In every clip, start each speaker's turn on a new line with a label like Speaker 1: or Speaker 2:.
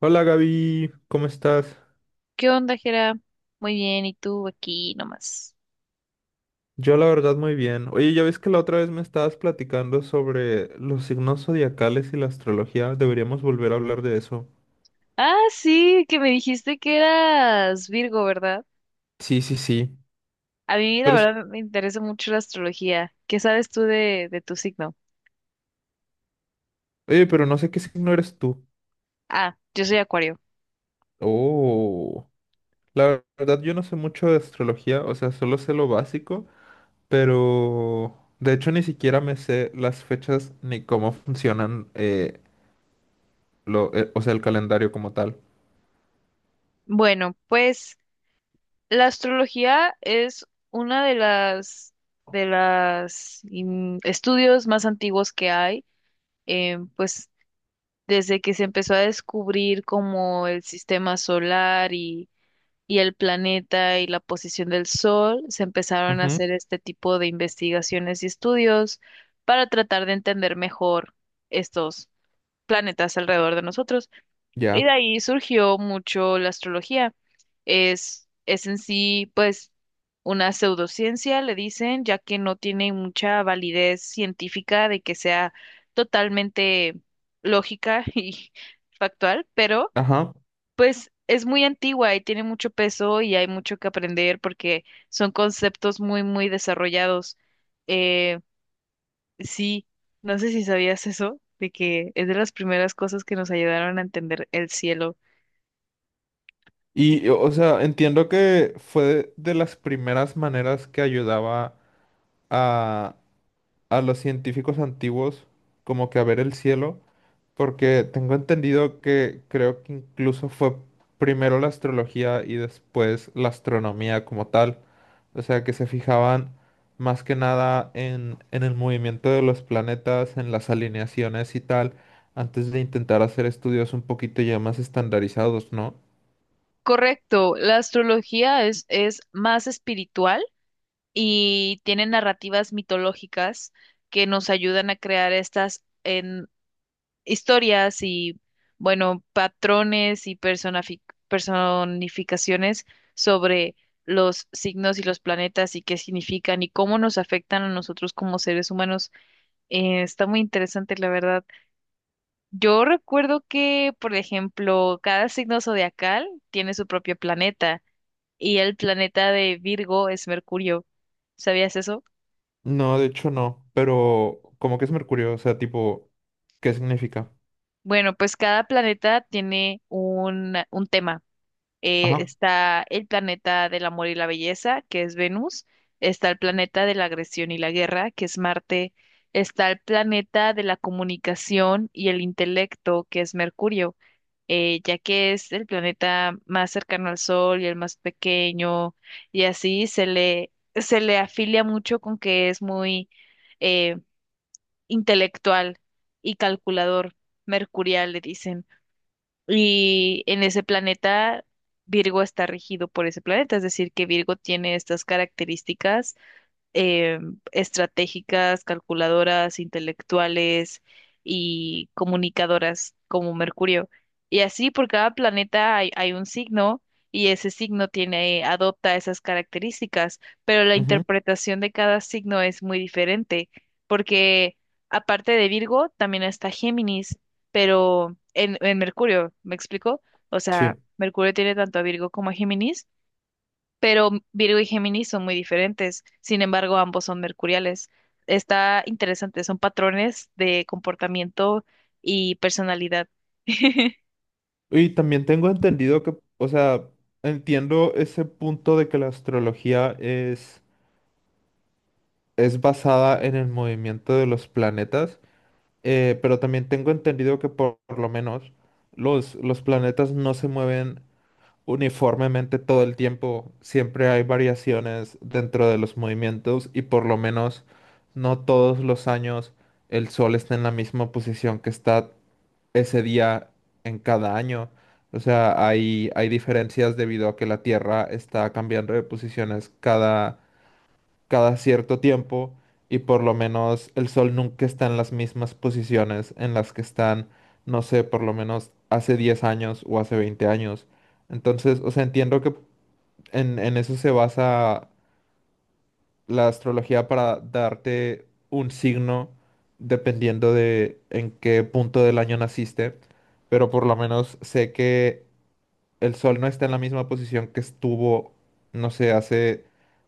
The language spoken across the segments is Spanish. Speaker 1: Hola Gaby, ¿cómo estás?
Speaker 2: ¿Qué onda, Jera? Muy bien, ¿y tú aquí nomás?
Speaker 1: Yo la verdad muy bien. Oye, ya ves que la otra vez me estabas platicando sobre los signos zodiacales y la astrología. Deberíamos volver a hablar de eso.
Speaker 2: Ah, sí, que me dijiste que eras Virgo, ¿verdad?
Speaker 1: Sí, sí, sí.
Speaker 2: A mí, la
Speaker 1: Pero es-
Speaker 2: verdad, me interesa mucho la astrología. ¿Qué sabes tú de tu signo?
Speaker 1: Oye, pero no sé qué signo eres tú.
Speaker 2: Ah, yo soy Acuario.
Speaker 1: Oh, la verdad yo no sé mucho de astrología, o sea, solo sé lo básico, pero de hecho ni siquiera me sé las fechas ni cómo funcionan, lo, o sea, el calendario como tal.
Speaker 2: Bueno, pues la astrología es una de las estudios más antiguos que hay, pues desde que se empezó a descubrir como el sistema solar y el planeta y la posición del Sol, se empezaron a
Speaker 1: Ujú,
Speaker 2: hacer este tipo de investigaciones y estudios para tratar de entender mejor estos planetas alrededor de nosotros. Y de
Speaker 1: ya.
Speaker 2: ahí surgió mucho la astrología. Es en sí, pues, una pseudociencia, le dicen, ya que no tiene mucha validez científica de que sea totalmente lógica y factual, pero
Speaker 1: Ajá.
Speaker 2: pues es muy antigua y tiene mucho peso y hay mucho que aprender porque son conceptos muy, muy desarrollados. Eh, sí, no sé si sabías eso, de que es de las primeras cosas que nos ayudaron a entender el cielo.
Speaker 1: Y, o sea, entiendo que fue de las primeras maneras que ayudaba a, a los científicos antiguos como que a ver el cielo, porque tengo entendido que creo que incluso fue primero la astrología y después la astronomía como tal. O sea, que se fijaban más que nada en, el movimiento de los planetas, en las alineaciones y tal, antes de intentar hacer estudios un poquito ya más estandarizados, ¿no?
Speaker 2: Correcto, la astrología es más espiritual y tiene narrativas mitológicas que nos ayudan a crear estas historias y, bueno, patrones y personificaciones sobre los signos y los planetas y qué significan y cómo nos afectan a nosotros como seres humanos. Está muy interesante, la verdad. Yo recuerdo que, por ejemplo, cada signo zodiacal tiene su propio planeta y el planeta de Virgo es Mercurio. ¿Sabías eso?
Speaker 1: No, de hecho no, pero como que es Mercurio, o sea, tipo, ¿qué significa?
Speaker 2: Bueno, pues cada planeta tiene un tema.
Speaker 1: Ajá,
Speaker 2: Está el planeta del amor y la belleza, que es Venus, está el planeta de la agresión y la guerra, que es Marte, está el planeta de la comunicación y el intelecto, que es Mercurio, ya que es el planeta más cercano al Sol y el más pequeño, y así se le afilia mucho con que es muy eh, intelectual y calculador, mercurial, le dicen. Y en ese planeta, Virgo está regido por ese planeta, es decir, que Virgo tiene estas características eh, estratégicas, calculadoras, intelectuales y comunicadoras como Mercurio. Y así por cada planeta hay un signo y ese signo tiene, adopta esas características, pero la
Speaker 1: ujú,
Speaker 2: interpretación de cada signo es muy diferente porque aparte de Virgo también está Géminis, pero en Mercurio, ¿me explico? O
Speaker 1: sí.
Speaker 2: sea, Mercurio tiene tanto a Virgo como a Géminis, pero Virgo y Géminis son muy diferentes. Sin embargo, ambos son mercuriales. Está interesante, son patrones de comportamiento y personalidad.
Speaker 1: Y también tengo entendido que, o sea, entiendo ese punto de que la astrología es basada en el movimiento de los planetas, pero también tengo entendido que por lo menos los planetas no se mueven uniformemente todo el tiempo. Siempre hay variaciones dentro de los movimientos y por lo menos no todos los años el sol está en la misma posición que está ese día en cada año. O sea, hay diferencias debido a que la Tierra está cambiando de posiciones cada cierto tiempo y por lo menos el sol nunca está en las mismas posiciones en las que están, no sé, por lo menos hace 10 años o hace 20 años. Entonces, o sea, entiendo que en eso se basa la astrología para darte un signo dependiendo de en qué punto del año naciste, pero por lo menos sé que el Sol no está en la misma posición que estuvo, no sé, hace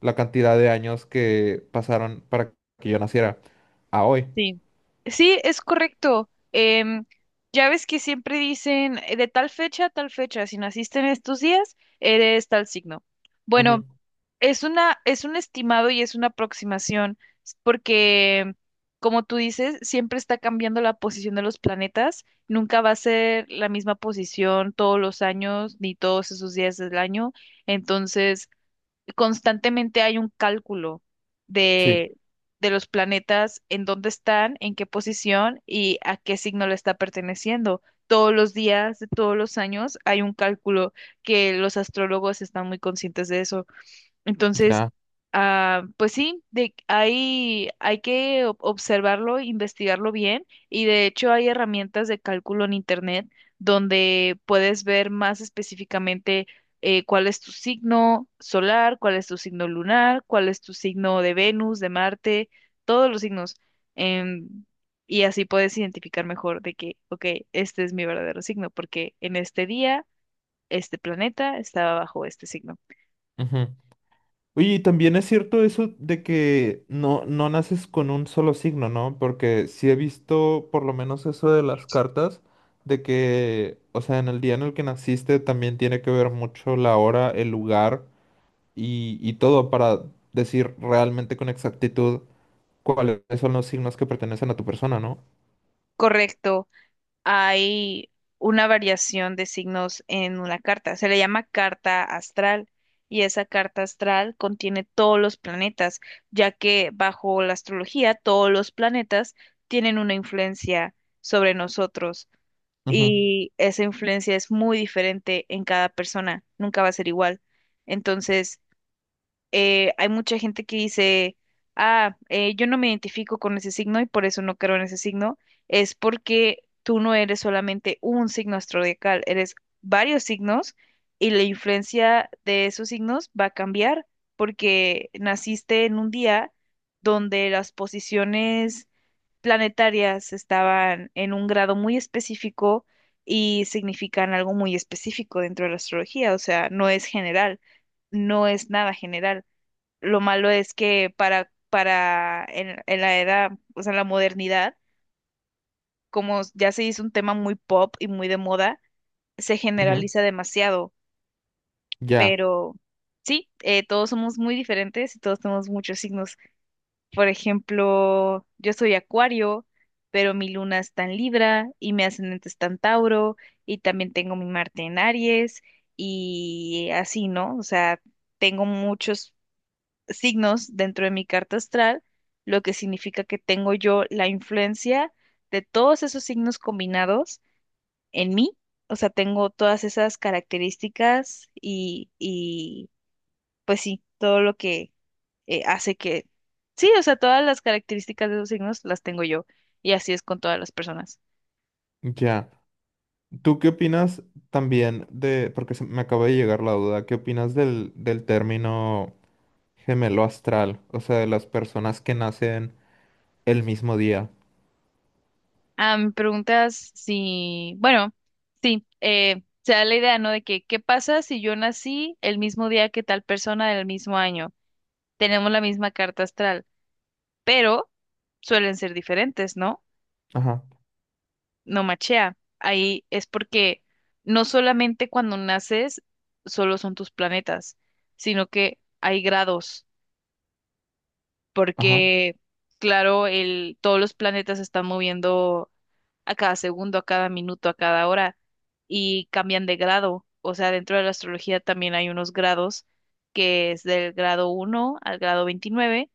Speaker 1: la cantidad de años que pasaron para que yo naciera a hoy.
Speaker 2: Sí. Sí, es correcto. Ya ves que siempre dicen de tal fecha a tal fecha, si naciste en estos días, eres tal signo.
Speaker 1: Ujú,
Speaker 2: Bueno, es una, es un estimado y es una aproximación, porque, como tú dices, siempre está cambiando la posición de los planetas. Nunca va a ser la misma posición todos los años ni todos esos días del año. Entonces, constantemente hay un cálculo
Speaker 1: sí,
Speaker 2: de, de los planetas, en dónde están, en qué posición y a qué signo le está perteneciendo. Todos los días de todos los años hay un cálculo que los astrólogos están muy conscientes de eso. Entonces,
Speaker 1: ya.
Speaker 2: pues sí, hay que observarlo, investigarlo bien y de hecho hay herramientas de cálculo en Internet donde puedes ver más específicamente cuál es tu signo solar, cuál es tu signo lunar, cuál es tu signo de Venus, de Marte, todos los signos. em, y así puedes identificar mejor de que, ok, este es mi verdadero signo porque en este día, este planeta estaba bajo este signo.
Speaker 1: Ujú. Oye, y también es cierto eso de que no, no naces con un solo signo, ¿no? Porque sí he visto por lo menos eso de las cartas, de que, o sea, en el día en el que naciste también tiene que ver mucho la hora, el lugar y todo para decir realmente con exactitud cuáles son los signos que pertenecen a tu persona, ¿no?
Speaker 2: Correcto. Hay una variación de signos en una carta. Se le llama carta astral y esa carta astral contiene todos los planetas, ya que bajo la astrología todos los planetas tienen una influencia sobre nosotros
Speaker 1: Ujú,
Speaker 2: y esa influencia es muy diferente en cada persona, nunca va a ser igual. Entonces, hay mucha gente que dice, ah, yo no me identifico con ese signo y por eso no creo en ese signo, es porque tú no eres solamente un signo astrodiacal, eres varios signos y la influencia de esos signos va a cambiar porque naciste en un día donde las posiciones planetarias estaban en un grado muy específico y significan algo muy específico dentro de la astrología, o sea, no es general, no es nada general. Lo malo es que para en la era, o sea, en la modernidad, como ya se hizo un tema muy pop y muy de moda, se
Speaker 1: ujú.
Speaker 2: generaliza demasiado,
Speaker 1: Ya,
Speaker 2: pero sí, todos somos muy diferentes y todos tenemos muchos signos. Por ejemplo, yo soy Acuario, pero mi luna está en Libra y mi ascendente está en Tauro y también tengo mi Marte en Aries y así, ¿no? O sea, tengo muchos signos dentro de mi carta astral, lo que significa que tengo yo la influencia de todos esos signos combinados en mí. O sea, tengo todas esas características y pues sí, todo lo que hace que... Sí, o sea, todas las características de esos signos las tengo yo. Y así es con todas las personas.
Speaker 1: ya. ¿Tú qué opinas también de, porque me acaba de llegar la duda, ¿qué opinas del término gemelo astral? O sea, de las personas que nacen el mismo día.
Speaker 2: Ah, me preguntas si... Bueno, sí, se da la idea, ¿no? De que, ¿qué pasa si yo nací el mismo día que tal persona del mismo año? Tenemos la misma carta astral, pero suelen ser diferentes, ¿no?
Speaker 1: Ajá,
Speaker 2: No machea. Ahí es porque no solamente cuando naces solo son tus planetas, sino que hay grados,
Speaker 1: ajá,
Speaker 2: porque claro, todos los planetas se están moviendo a cada segundo, a cada minuto, a cada hora y cambian de grado. O sea, dentro de la astrología también hay unos grados que es del grado uno al grado 29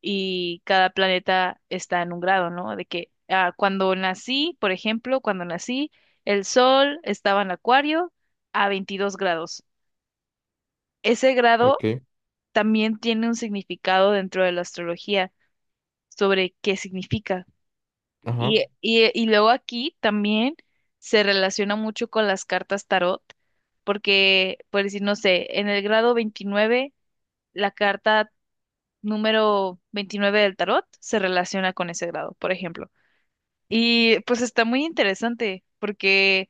Speaker 2: y cada planeta está en un grado, ¿no? De que ah, cuando nací, por ejemplo, cuando nací, el Sol estaba en Acuario a 22 grados. Ese grado
Speaker 1: ok,
Speaker 2: también tiene un significado dentro de la astrología sobre qué significa.
Speaker 1: ajá,
Speaker 2: Y luego aquí también se relaciona mucho con las cartas tarot, porque, por decir, no sé, en el grado 29, la carta número 29 del tarot se relaciona con ese grado, por ejemplo. Y pues está muy interesante porque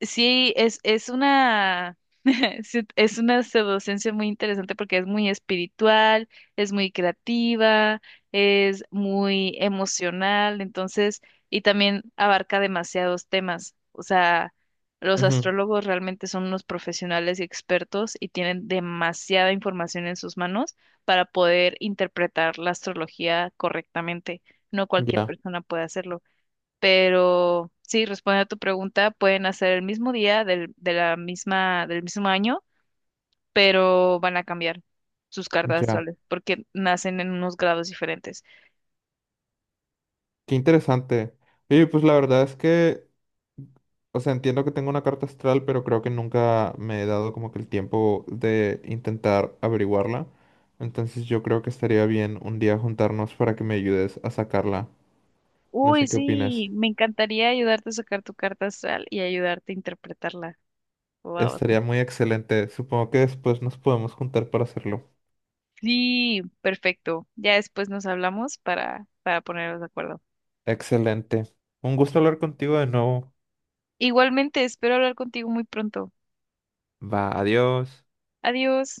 Speaker 2: sí, es una, sí, es una pseudociencia muy interesante porque es muy espiritual, es muy creativa, es muy emocional, entonces, y también abarca demasiados temas. O sea, los
Speaker 1: ujú,
Speaker 2: astrólogos realmente son unos profesionales y expertos y tienen demasiada información en sus manos para poder interpretar la astrología correctamente. No cualquier
Speaker 1: ya,
Speaker 2: persona puede hacerlo, pero sí, respondiendo a tu pregunta, pueden hacer el mismo día de la misma, del mismo año, pero van a cambiar sus cartas
Speaker 1: ya.
Speaker 2: astrales porque nacen en unos grados diferentes.
Speaker 1: Qué interesante. Y pues la verdad es que. O sea, entiendo que tengo una carta astral, pero creo que nunca me he dado como que el tiempo de intentar averiguarla. Entonces yo creo que estaría bien un día juntarnos para que me ayudes a sacarla. No
Speaker 2: Uy,
Speaker 1: sé qué
Speaker 2: sí,
Speaker 1: opinas.
Speaker 2: me encantaría ayudarte a sacar tu carta astral y ayudarte a interpretarla. Wow.
Speaker 1: Estaría muy excelente. Supongo que después nos podemos juntar para hacerlo.
Speaker 2: Sí, perfecto. Ya después nos hablamos para ponernos de acuerdo.
Speaker 1: Excelente. Un gusto hablar contigo de nuevo.
Speaker 2: Igualmente, espero hablar contigo muy pronto.
Speaker 1: Va, adiós.
Speaker 2: Adiós.